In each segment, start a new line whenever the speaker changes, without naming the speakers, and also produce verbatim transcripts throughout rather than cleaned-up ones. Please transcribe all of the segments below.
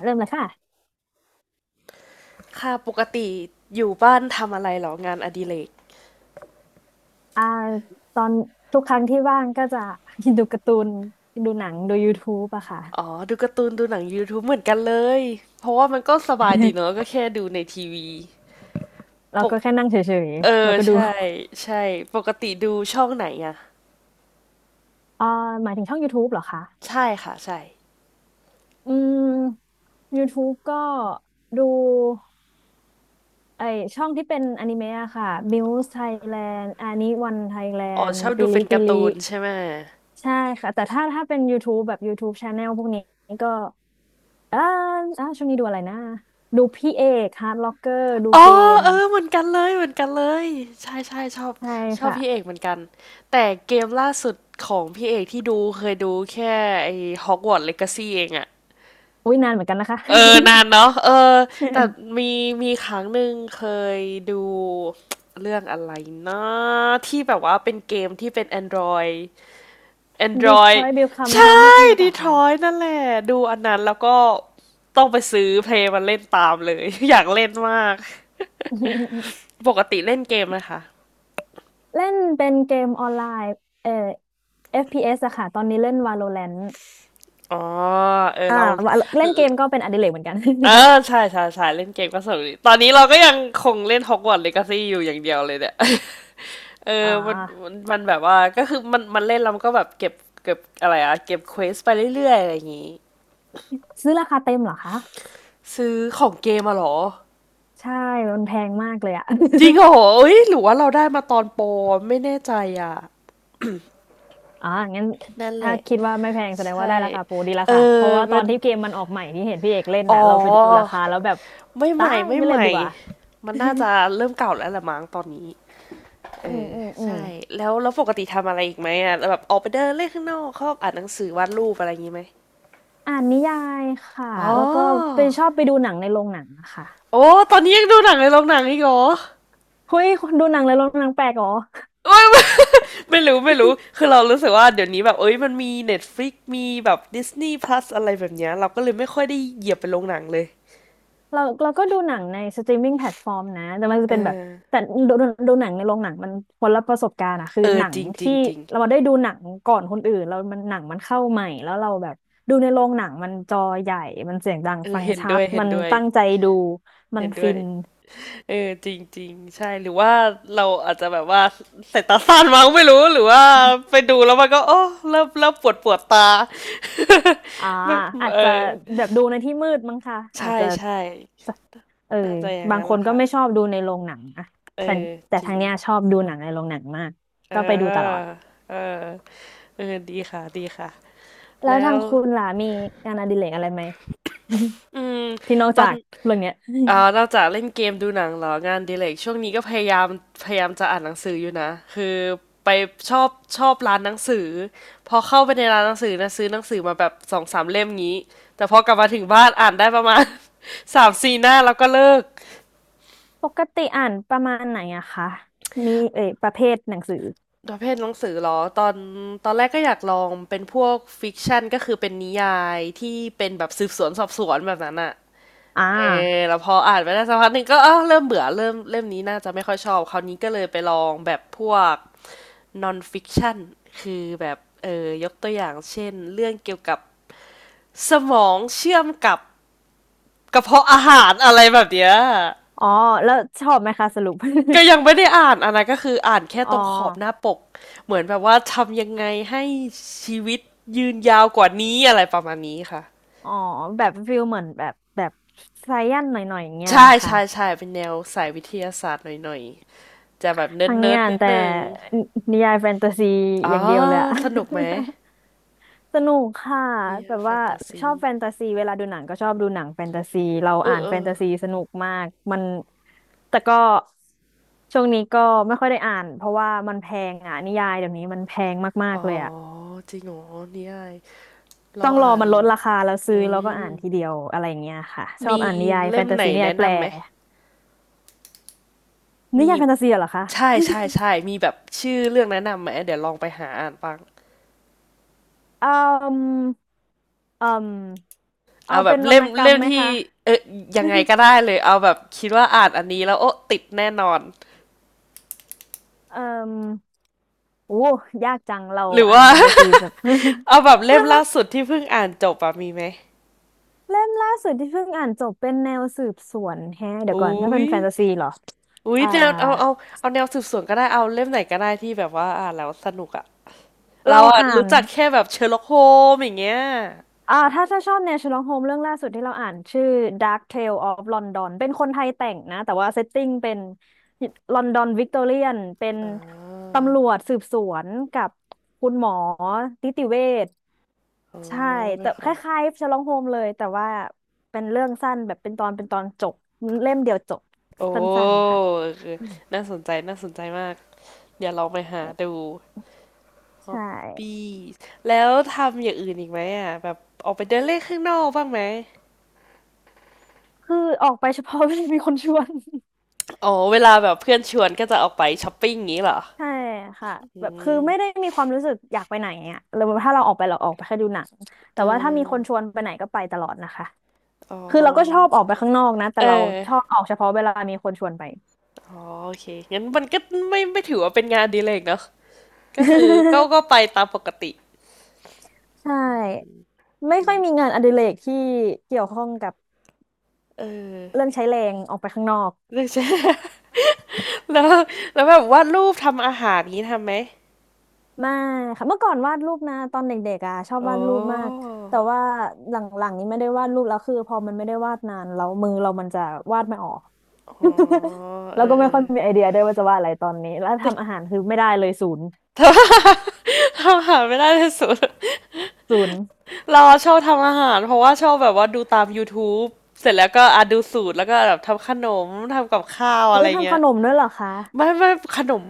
เริ่มเลยค่ะ
ค่ะปกติอยู่บ้านทำอะไรเหรองานอดิเรก
อ่าตอนทุกครั้งที่ว่างก็จะ ดูการ์ตูน ดูหนังดู YouTube อะค่ะ
อ๋อดูการ์ตูนดูหนัง YouTube เหมือนกันเลยเพราะว่ามันก็สบายดีเนอะก็แค่ดูในทีวี
เรา
ปก
ก็แค่นั่งเฉย
เออ
ๆแล้วก็ดู
ใช่ใช่ปกติดูช่องไหนอะ
อ่าหมายถึงช่อง YouTube เหรอคะ
ใช่ค่ะใช่
อืม YouTube ก็ดูไอช่องที่เป็นอนิเมะอะค่ะ Muse Thailand อานิวัน
อ๋อ
Thailand
ชอบดู
ปิลิ
เป็น
ปิ
การ์
ลิ
ตูนใช่ไหม
ใช่ค่ะ แต่ถ้าถ้าเป็น YouTube แบบ YouTube Channel พวกนี้ก็อ่าอ่าช่วงนี้ดูอะไรนะ ดูพี่เอกฮาร์ดล็อกเกอร์ดู
อ๋อ
เกม
เออเหมือนกันเลยเหมือนกันเลยใช่ใช่ชอบ
ใช่
ชอบ
ค่ะ
พี่เอกเหมือนกันแต่เกมล่าสุดของพี่เอกที่ดูเคยดูแค่ไอ้ Hogwarts Legacy เองอะ
อุ้ยนานเหมือนกันนะคะ
เออนานเนาะเออแต่ มีมีครั้งหนึ่งเคยดู เรื่องอะไรนะที่แบบว่าเป็นเกมที่เป็น Android Android
Detroit Become
ใช่
Human หรือเปล่าคะ
Detroit นั่นแหละดูอันนั้นแล้วก็ต้องไปซื้อเพลงมันเล่นตามเลย อยากเล่นมาก ปกติเล่นเกมไหมคะ
เล่นเป็นเกมออนไลน์เอ่อ เอฟ พี เอส อฟพีเอสอะค่ะตอนนี้เล่น Valorant
อ๋อเออ
อ่า
เรา
Val- เล่นเกมก็เป็นอดิเรกเหมือนกัน
เออ ใช่ใช่ใช่เล่นเกมก็สนุกดีตอนนี้เราก็ยังคงเล่นฮอกวอต t s เลกาซี่อยู่อย่างเดียวเลยเนี่ย เอ
อ่
อมันมัน
า
มันแบบว่าก็คือมันมันเล่นแล้วมันก็แบบเก็บเก็บอะไรอะเก็บเควสไปเรื่อยๆอะไรอย่างงี้
ซื้อราคาเต็มเหรอคะ
ซื้อของเกมมาเหรอ
ใช่ มันแพงมากเลยอะ
จริงเหรอเอ้ยหรือว่าเราได้มาตอนโปรไม่แน่ใจอ่ะ
อ่างั้น
นั่นแห
ถ้า
ละ
คิดว่าไม่แพงแสด
ใช
งว่า
่
ได้ราคาโปรดีละ
เอ
ค่ะ เพ
อ
ราะว่าตอ
เป็
น
น
ที่เกมมันออกใหม่ที่เห็นพี่เอกเล่น
อ๋อ
น่ะเราไปดูราคาแล้วแบบ
ไม่ให
ตา
ม่
ย
ไม่
ไม่
ให
เล่น
ม่
ดีกว่า
มันน่าจะเริ่มเก่าแล้วละมั้งตอนนี้
อื
เอ
ม
อ
อืมอืม
ใช่แล้วแล้วปกติทำอะไรอีกไหมอ่ะแบบออกไปเดินเล่นข้างนอกชอบอ่านหนังสือวาดรูปอะไรอย่างงี้ไหม
อ่านนิยายค่ะ
อ๋อ
แล้วก็ไปชอบไปดูหนังในโรงหนังอะค่ะ
โอ้ตอนนี้ยังดูหนังในโรงหนังอีกเหรอ
เฮ้ยคนดูหนังในโรงหนังแปลกเหรอ
ไม่ ไม่รู้ไม่รู้คือเรารู้สึกว่าเดี๋ยวนี้แบบเอ้ยมันมี Netflix มีแบบ Disney Plus อะไรแบบเนี้ยเราก็เลยไม่ค่อยได้เหยียบไปโรงหนังเลย
เราเราก็ดูหนังในสตรีมมิ่งแพลตฟอร์มนะแต่มันจะ
เอ
เป็นแบบ
อ
แต่ดูดูดูหนังในโรงหนังมันคนละประสบการณ์อะคือ
เออ
หนั
จ
ง
ริงจริ
ที่
งจริง
เราได้ดูหนังก่อนคนอื่นแล้วมันหนังมันเข้าใหม่แล้วเราแบบดูในโรงหนังมันจอใหญ่ มันเสียงดัง
เออ
ฟัง
เห็น
ชั
ด้ว
ด
ยเห็น
มัน
ด้วย
ตั้งใจดู มัน
เห็นด้
ฟิ
วย
น
เออจริงจริงใช่หรือว่าเราอาจจะแบบว่าสายตาสั้นมั้งไม่รู้หรือว่าไปดูแล้วมันก็โอ้เริ่มเริ่มปวดปวดตา
อ่า
ไม่
อาจ
เออ
จะแบบดูในที่มืดมั้งค่ะอาจ
ใช่
จะ
ใช่
เออ
น่าจะอย่าง
บาง
นั้น
คน
ล่ะ
ก็
ค่ะ
ไม่ชอบดูในโรงหนังอะ
เออ
แต่
จริ
ทา
ง
งเนี้ยชอบดูหนังในโรงหนังมาก
เอ
ก็ไปดูตล
อ
อด
เออ เออ ดีค่ะ ดีค่ะ
แล้ว
แล้
ทาง
ว
คุณล่ะมีงานอดิเรกอะไรไหม
อืม
ที่นอก
ตอน
จากเรื่องเนี้ย
อ่านอกจากเล่นเกมดูหนังเหรองานอดีเลกช่วงนี้ก็พยายามพยายามจะอ่านหนังสืออยู่นะ คือไปชอบชอบร้านหนังสือพอเข้าไปในร้านหนังสือนะซื้อหนังสือมาแบบสองสามเล่มงี้แต่พอกลับมาถึงบ้านอ่านได้ประมาณ สามสี่หน้าแล้วก็เลิก
ปกติอ่านประมาณไหนอะคะมีเอยประเภทหนังสือ
ประเภทหนังสือเหรอตอนตอนแรกก็อยากลองเป็นพวกฟิกชันก็คือเป็นนิยายที่เป็นแบบสืบสวนสอบสวนแบบนั้นอะ
อ่
เออ
า
แล้วพออ่านไปได้สักพักหนึ่งก็อ้าวเริ่มเบื่อเริ่มเล่มนี้น่าจะไม่ค่อยชอบคราวนี้ก็เลยไปลองแบบพวก non fiction คือแบบเออยกตัวอย่างเช่นเรื่องเกี่ยวกับสมองเชื่อมกับกระเพาะอาหารอะไรแบบเนี้ย
อ๋อแล้วชอบไหมคะสรุป
ก็ยังไม่ได้อ่านอันนั้นก็คือ อ่านแค่
อ๋อ
ตรงขอบหน้าปกเหมือนแบบว่าทำยังไงให้ชีวิตยืนยาวกว่านี้อะไรประมาณนี้ค่ะ
อ๋อแบบฟิลเหมือนแบบแบบไซแอนหน่อยๆอย่างเงี้ย
ใช่
ละค่ะ
ใช่ใช่เป็นแนวสายวิทยาศาสตร์หน่อยๆจะแบบเนิ
ทั้งนี้
ร์ด
อ่า
ๆ
น
นิด
แต่
หนึง
นิยายแฟนตาซี
อ๋อ
อย่างเดียวเลยอะ
สนุกไหม
สนุกค่ะแบ
Dear
บว่าชอบ
Fantasy
แฟนตาซีเวลาดูหนังก็ชอบดูหนังแฟนตาซีเรา
เอ
อ่า
อ
น
เอ
แฟน
อ
ตาซีสนุกมากมันแต่ก็ช่วงนี้ก็ไม่ค่อยได้อ่านเพราะว่ามันแพงอ่ะนิยายเดี๋ยวนี้มันแพงมาก
อ๋
ๆ
อ
เลยอ่ะ
จริงเหรอนี่ไอายเรา
ต้องรอ
อ่าน
มันลดราคาแล้วซื้อ
อื
แล้วก็
ม
อ่านทีเดียวอะไรอย่างเงี้ยค่ะชอบ
มี
อ่านนิยายแฟ
เล่ม
นตา
ไหน
ซีนิยาย
แนะ
แปล
นำไหม
นิ
มี
ยายแฟนตาซีเหรอคะ
ใช่ใช่ใช่มีแบบชื่อเรื่องแนะนำไหมเดี๋ยวลองไปหาอ่านบ้าง
อืมอืมเอา
เอาแบ
เป็
บ
นวร
เล่
รณ
ม
กรร
เล่
ม
ม
ไหม
ที่
คะ
เออยังไง ก็ได้เลยเอาแบบคิดว่าอ่านอันนี้แล้วโอ๊ะติดแน่นอน
เอ่อ โอ้ยากจังเรา
หรือ
อ่าน
ว่า
แฟนตาซีแบบ
เอาแบบเล่ม ล่าสุดที่เพิ่งอ่านจบอะมีไหม
เล่มล่าสุดที่เพิ่งอ่านจบเป็นแนวสืบสวนแฮะเดี๋ยวก่อน ถ้า
อุ้
เป็น
ย
แฟนตาซีเหรอ
อุ้ย
อ่า
แนวเอาเอาเอาแนวสืบสวนก็ได้เอาเล่มไหนก็ได้ที่แบบว่าอ่านแล้วสนุกอะเรา
เรา
อะ
อ่า
รู้
น
จักแค่แบบเชอร์ล็อกโฮมอย่างเงี้ย
อ่าถ้าถ้าชอบแนวเชอร์ล็อกโฮมเรื่องล่าสุดที่เราอ่านชื่อ Dark Tale of London เป็นคนไทยแต่งนะ แต่ว่าเซตติ้งเป็นลอนดอนวิกตอเรียนเป็น
อ่า
ตำรวจสืบสวนกับคุณหมอนิติเวช
อ๋อ
ใช่
เป็
แต่
นข
ค
อง
ล้ายๆ Sherlock Holmes เลยแต่ว่าเป็นเรื่องสั้นแบบเป็นตอนเป็นตอนจบเล่มเดียวจบ
โอ
สั้น
้
ๆค่ะ
คือ
อืม
น่าสนใจน่าสนใจมากเดี๋ยวลองไปหาดูฮอป
ใช่
ปี้แล้วทำอย่างอื่นอีกไหมอะแบบออกไปเดินเล่นข้างนอกบ้างไหม
คือออกไปเฉพาะ เวลามีคนชวน
อ๋อเวลาแบบเพื่อนชวนก็จะออกไปช้อปปิ้งอย่างงี้เหรอ
ใช่ค่ะ
อื
แบบคือไม่ได้
ม
มีความรู้สึกอยากไปไหนอ่ะหรือว่าถ้าเราออกไปเราออกไปแค่ดูหนัง
เอ
แต่ว่าถ้ามีคนช
อ
วนไปไหนก็ไปตลอดนะคะ
อ๋อ
คือเราก็ชอบออกไปข้างนอกนะแต่
เอ
เรา
อ
ชอบออกเฉพาะเวลามีคนชวนไป
อ๋อโอเคงั้นมันก็ไม่ไม่ถือว่าเป็นงานอดีเลกเนอะก็คือก็ก็ไปตามปกติ
ใช่ไม่ค่อยมีงานอดิเรกที่เกี่ยวข้องกับ
เออ
เรื่องใช้แรงออกไปข้างนอก
เรืใช่ แล้วแล้วแบบวาดรูปทำอาหารนี้ทำไหม
ไม่ค่ะเมื่อก่อนวาดรูปนะตอนเด็กๆอ่ะชอบ
โอ้
วาดรูปมากแต่ว่าหลังๆนี้ไม่ได้วาดรูปแล้วคือพอมันไม่ได้วาดนานแล้วมือเรามันจะวาดไม่ออก
อ๋อ
แล้
เอ
วก็
อ
ไม่
เอ
ค่อ
อ
ยมีไอเดียด้วยว่าจะวาดอะไรตอนนี้แล้ว
แต่
ทำอาหารคือไม่ได้เลยศูนย์
ทำ ทำอาหารไม่ได้ที่สุด
ศูนย์
เราชอบทำอาหารเพราะว่าชอบแบบว่าดูตาม YouTube เสร็จแล้วก็อ่ะดูสูตรแล้วก็แบบทำขนมทำกับข้าวอะ
อุ้
ไร
ยทำ
เงี้
ข
ย
นมด้วยเหรอคะ
ไม่ไม่ขนม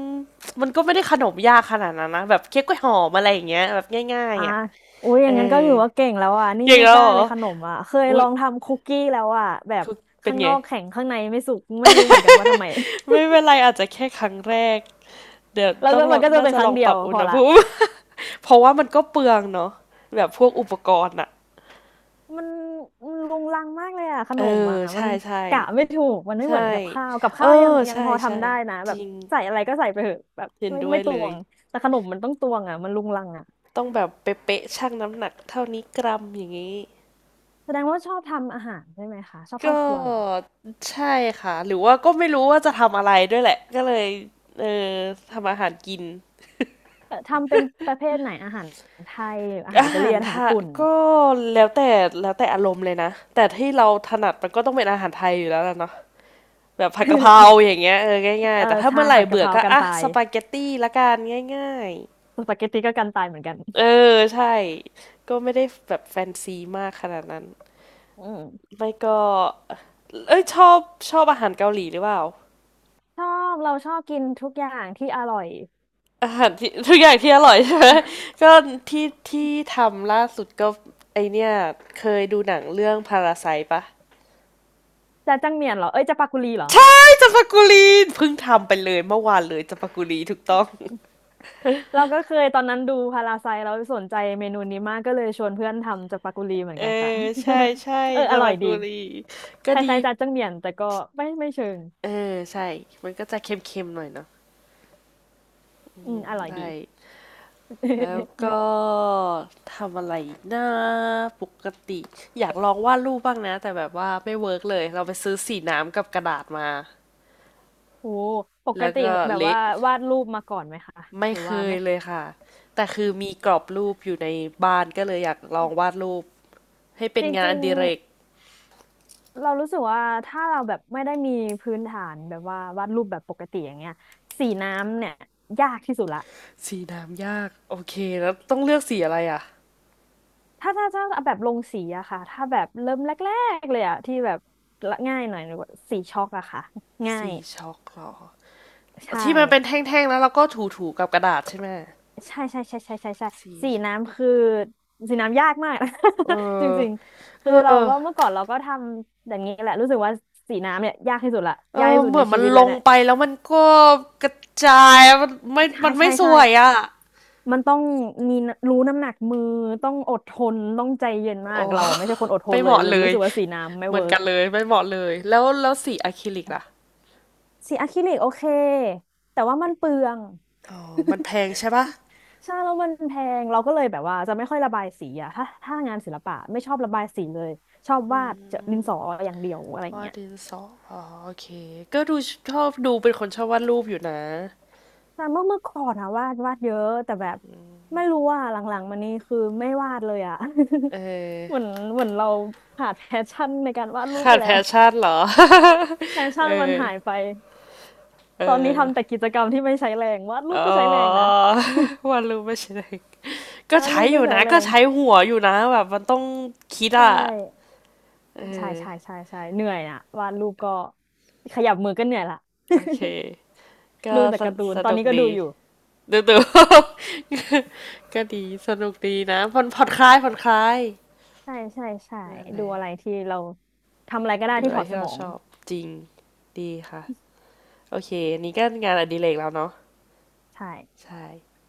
มันก็ไม่ได้ขนมยากขนาดนั้นนะแบบเค้กกล้วยหอมอะไรอย่างเงี้ยแบบง่าย
อ่า
ๆอ่ะ
อุ้ยอ
เอ
ย่างนั้นก็
อ
ถือว่าเก่งแล้วอ่ะนี่
เก่ง
ไม่
แล้ว
ได้
เหรอ
เลยขนมอ่ะเคย
อุ้
ล
ย
องทำคุกกี้แล้วอ่ะแบบ
คือเป็น
ข้างน
ไง
อกแข็งข้างในไม่สุกไม่รู้เหมือนกันว่าทำไม
ไม่เป็นไรอาจจะแค่ครั้งแรกเดี๋ยว
แล้ว
ต้อ
ก็
งล
มั
อ
น
ง
ก็จะ
น่า
เป็น
จะ
ค
ล
รั้ง
อง
เดี
ป
ยว
รับอุ
พอ
ณห
ละ
ภูมิ เพราะว่ามันก็เปลืองเนาะแบบพวกอุปกรณ์อ่ะ
มันมันรุงรังมากเลยอ่ะข
เอ
นม
อ
อ่ะมั
ใช่
น
ใช่
กะไม่ถูกมันไม่เหมือน
ใช่
กับข้าวกับ
เออ
ข้าวยังยัง
ใช่
พอ
ใช่
ทำได้นะ
จ
แบบ
ริง
ใส่อะไรก็ใส่ไปเถอะแบบ
เห็น
ไม่
ด้ว
ไม่
ย
ต
เล
ว
ย
งแต่ขนมมันต้องตวงอ่ะมันรุงรังอ่ะ
ต้องแบบเป๊ะๆชั่งน้ำหนักเท่านี้กรัมอย่างงี้
แสดงว่าชอบทำอาหารใช่ไหมคะชอบเข้า
ก็
ครัวเหรอ
ใช่ค่ะหรือว่าก็ไม่รู้ว่าจะทำอะไรด้วยแหละก็เลยเออทำอาหารกิน
เอ่อทำเป็นประเภทไหนอาหารไทยอาหาร
อา
อิตา
หา
เลีย
ร
นอาหาร
ไทะ
ญี่ปุ่น
ก็แล้วแต่แล้วแต่อารมณ์เลยนะแต่ที่เราถนัดมันก็ต้องเป็นอาหารไทยอยู่แล้วล่ะเนาะแบบผัดกะเพรา อย่างเงี้ยเออง่า
เอ
ย
อ
ๆแต่ถ้า
ใช่
เมื่อไหร่
ผัดกะ
เบื่
เพ
อ
รา
ก็
กัน
อ่ะ
ตา
ส
ย
ปาเกตตี้ละกันง่าย
สปาเกตตี้ก็กันตายเหมือนกัน
ๆเออใช่ก็ไม่ได้แบบแฟนซีมากขนาดนั้น
อืม
ไม่ก็เอ้ยชอบชอบอาหารเกาหลีหรือเปล่า
ชอบเราชอบกินทุกอย่างที่อร่อย
อาหารที่ทุกอย่างที่อร่อยใช่ไหม ก็ที่ที่ทำล่าสุดก็ไอเนี่ยเคยดูหนังเรื่องพาราไซปะ
จะจังเหมียนเหรอเอ้ยจะปากุลีเหรอ
ใช่จัมปากุลีเพิ่งทำไปเลยเมื่อวานเลยจัมปากุลีถูกต้อง
เราก็เคยตอนนั้นดูพาราไซเราสนใจเมนูนี้มากก็เลยชวนเพื่อนทำจากปากุลีเหมือน
เออ
กันค่ะ
ใช่ใช่
เอออ
จัม
ร่อ
ปา
ยดี
กุลีก็
ค
ดี
ล้ายๆจาจังเหมียนแต่ก็ไม่ไม่เชิง
เออใช่มันก็จะเค็มๆหน่อยเนาะ
อืมอร่อย
ได้
ดี
แล้ว ก็ทำอะไรอีกนะปกติอยากลองวาดรูปบ้างนะแต่แบบว่าไม่เวิร์กเลยเราไปซื้อสีน้ำกับกระดาษมา
โอ้ปก
แล้ว
ติ
ก็
แบบว่า
เละ
วาดรูปมาก่อนไหมคะ
ไม่
หรือ
เค
ว่า
ย
ไม่
เลยค่ะแต่คือมีกรอบรูปอยู่ในบ้านก็เลยอยากลองวาดรูปให้เป็
จ
นงาน
ริ
อ
ง
ดิเรก
ๆเรารู้สึกว่าถ้าเราแบบไม่ได้มีพื้นฐานแบบว่าวาดรูปแบบปกติอย่างเงี้ยสีน้ำเนี่ยยากที่สุดละ
สีน้ำยากโอเคแล้วต้องเลือกสีอะไรอ่ะ
ถ้าถ้าถ้าแบบลงสีอะค่ะถ้าแบบเริ่มแรกๆเลยอะที่แบบละง่ายหน่อยหรือว่าสีช็อกอะค่ะง่า
สี
ย
ช็อกเหรอ
ใช่
ที่มันเป็นแท่งๆแล้วเราก็ถูๆกับกระดาษใช่ไหม
ใช่ใช่ใช่ใช่ใช่ใช่
สี
สี
ช็อก
น้ำคือสีน้ำยากมาก
เอ
จ
อ
ริงๆ
เอ
คื
อ
อเราก็เมื่อก่อนเราก็ทำอย่างนี้แหละรู้สึกว่าสีน้ำเนี่ยยากที่สุดละ
เอ
ยาก
อ
ที่สุ
เห
ด
มื
ใน
อน
ชี
มัน
วิต
ล
แล้ว
ง
เนี่ย
ไปแล้วมันก็กระจายมันไม่
ใช่
มันไม่
ใช่
ส
ใช่
วยอ่ะ
มันต้องมีรู้น้ำหนักมือต้องอดทนต้องใจเย็นมาก
โอ้
เราอะไม่ใช่คนอดท
ไม่
น
เห
เลย
มาะ
เลย
เล
รู้
ย
สึกว่าสีน้ำไม่
เหมือ
เวิ
น
ร์
กั
ก
นเลยไม่เหมาะเลยแล้วแล้วสีอะคริลิกล่ะ
สีอะคริลิกโอเคแต่ว่ามันเปลือง
อ๋อ มันแพงใช่ปะ
ใช่แล้วมันแพงเราก็เลยแบบว่าจะไม่ค่อยระบายสีอะถ้าถ้างานศิลปะไม่ชอบระบายสีเลยชอบวาดจะดินสออย่างเดียวอะไร
วาด
เงี้ย
ดินสออ๋อโอเค ก็ดูชอบดูเป็นคนชอบวาดรูปอยู่นะ
แต่เมื่อเมื่อก่อนอะวาดวาดเยอะแต่แบบไม่รู้ว่าหลังๆมานี้คือไม่วาดเลยอะ
เอ
เหมือน
อ
เหมือนเราขาดแพชชั่นในการวาดรูป
ขา
ไป
ดแพ
แล้ว
ชชั่นเหรอ
แพช ชั่นมัน
เออ
หายไป
เอ
ตอนนี้
อ
ทำแต่กิจกรรมที่ไม่ใช้แรงวาดรูป
อ๋อ
ก็ใช้แรงนะ
วาดรูปไม่ใช่เด็กก็
วาด
ใช้
รูป
อ
ก็
ยู่
ใช้
นะ
แร
ก็
ง
ใช้หัวอยู่นะแบบมันต้องคิด
ใช่
อ่ะเอ
ใช่
อ
ใช่ใช่ใช่เหนื่อยนะวาดรูปก็ขยับมือก็เหนื่อยละ
โอเค ก็
ดูแต่
ส
การ์ตูน
ส
ตอน
นุก
นี้ก็ดู
ดี
อยู่
ดูดู ก็ดีสนุกดีนะผ่อนผ่อนคลายผ่อนคลาย
ใช่ใช่ใช่
นั่นแห
ดู
ละ
อะไรที่เราทำอะไรก็ได้
ดู
ที่
อะ
ถ
ไร
อดส
ที่
ม
เรา
อง
ชอบจริงดีค่ะ โอเคอันนี้ก็งานอดิเรกแล้วเนาะ
ใช่
ใช่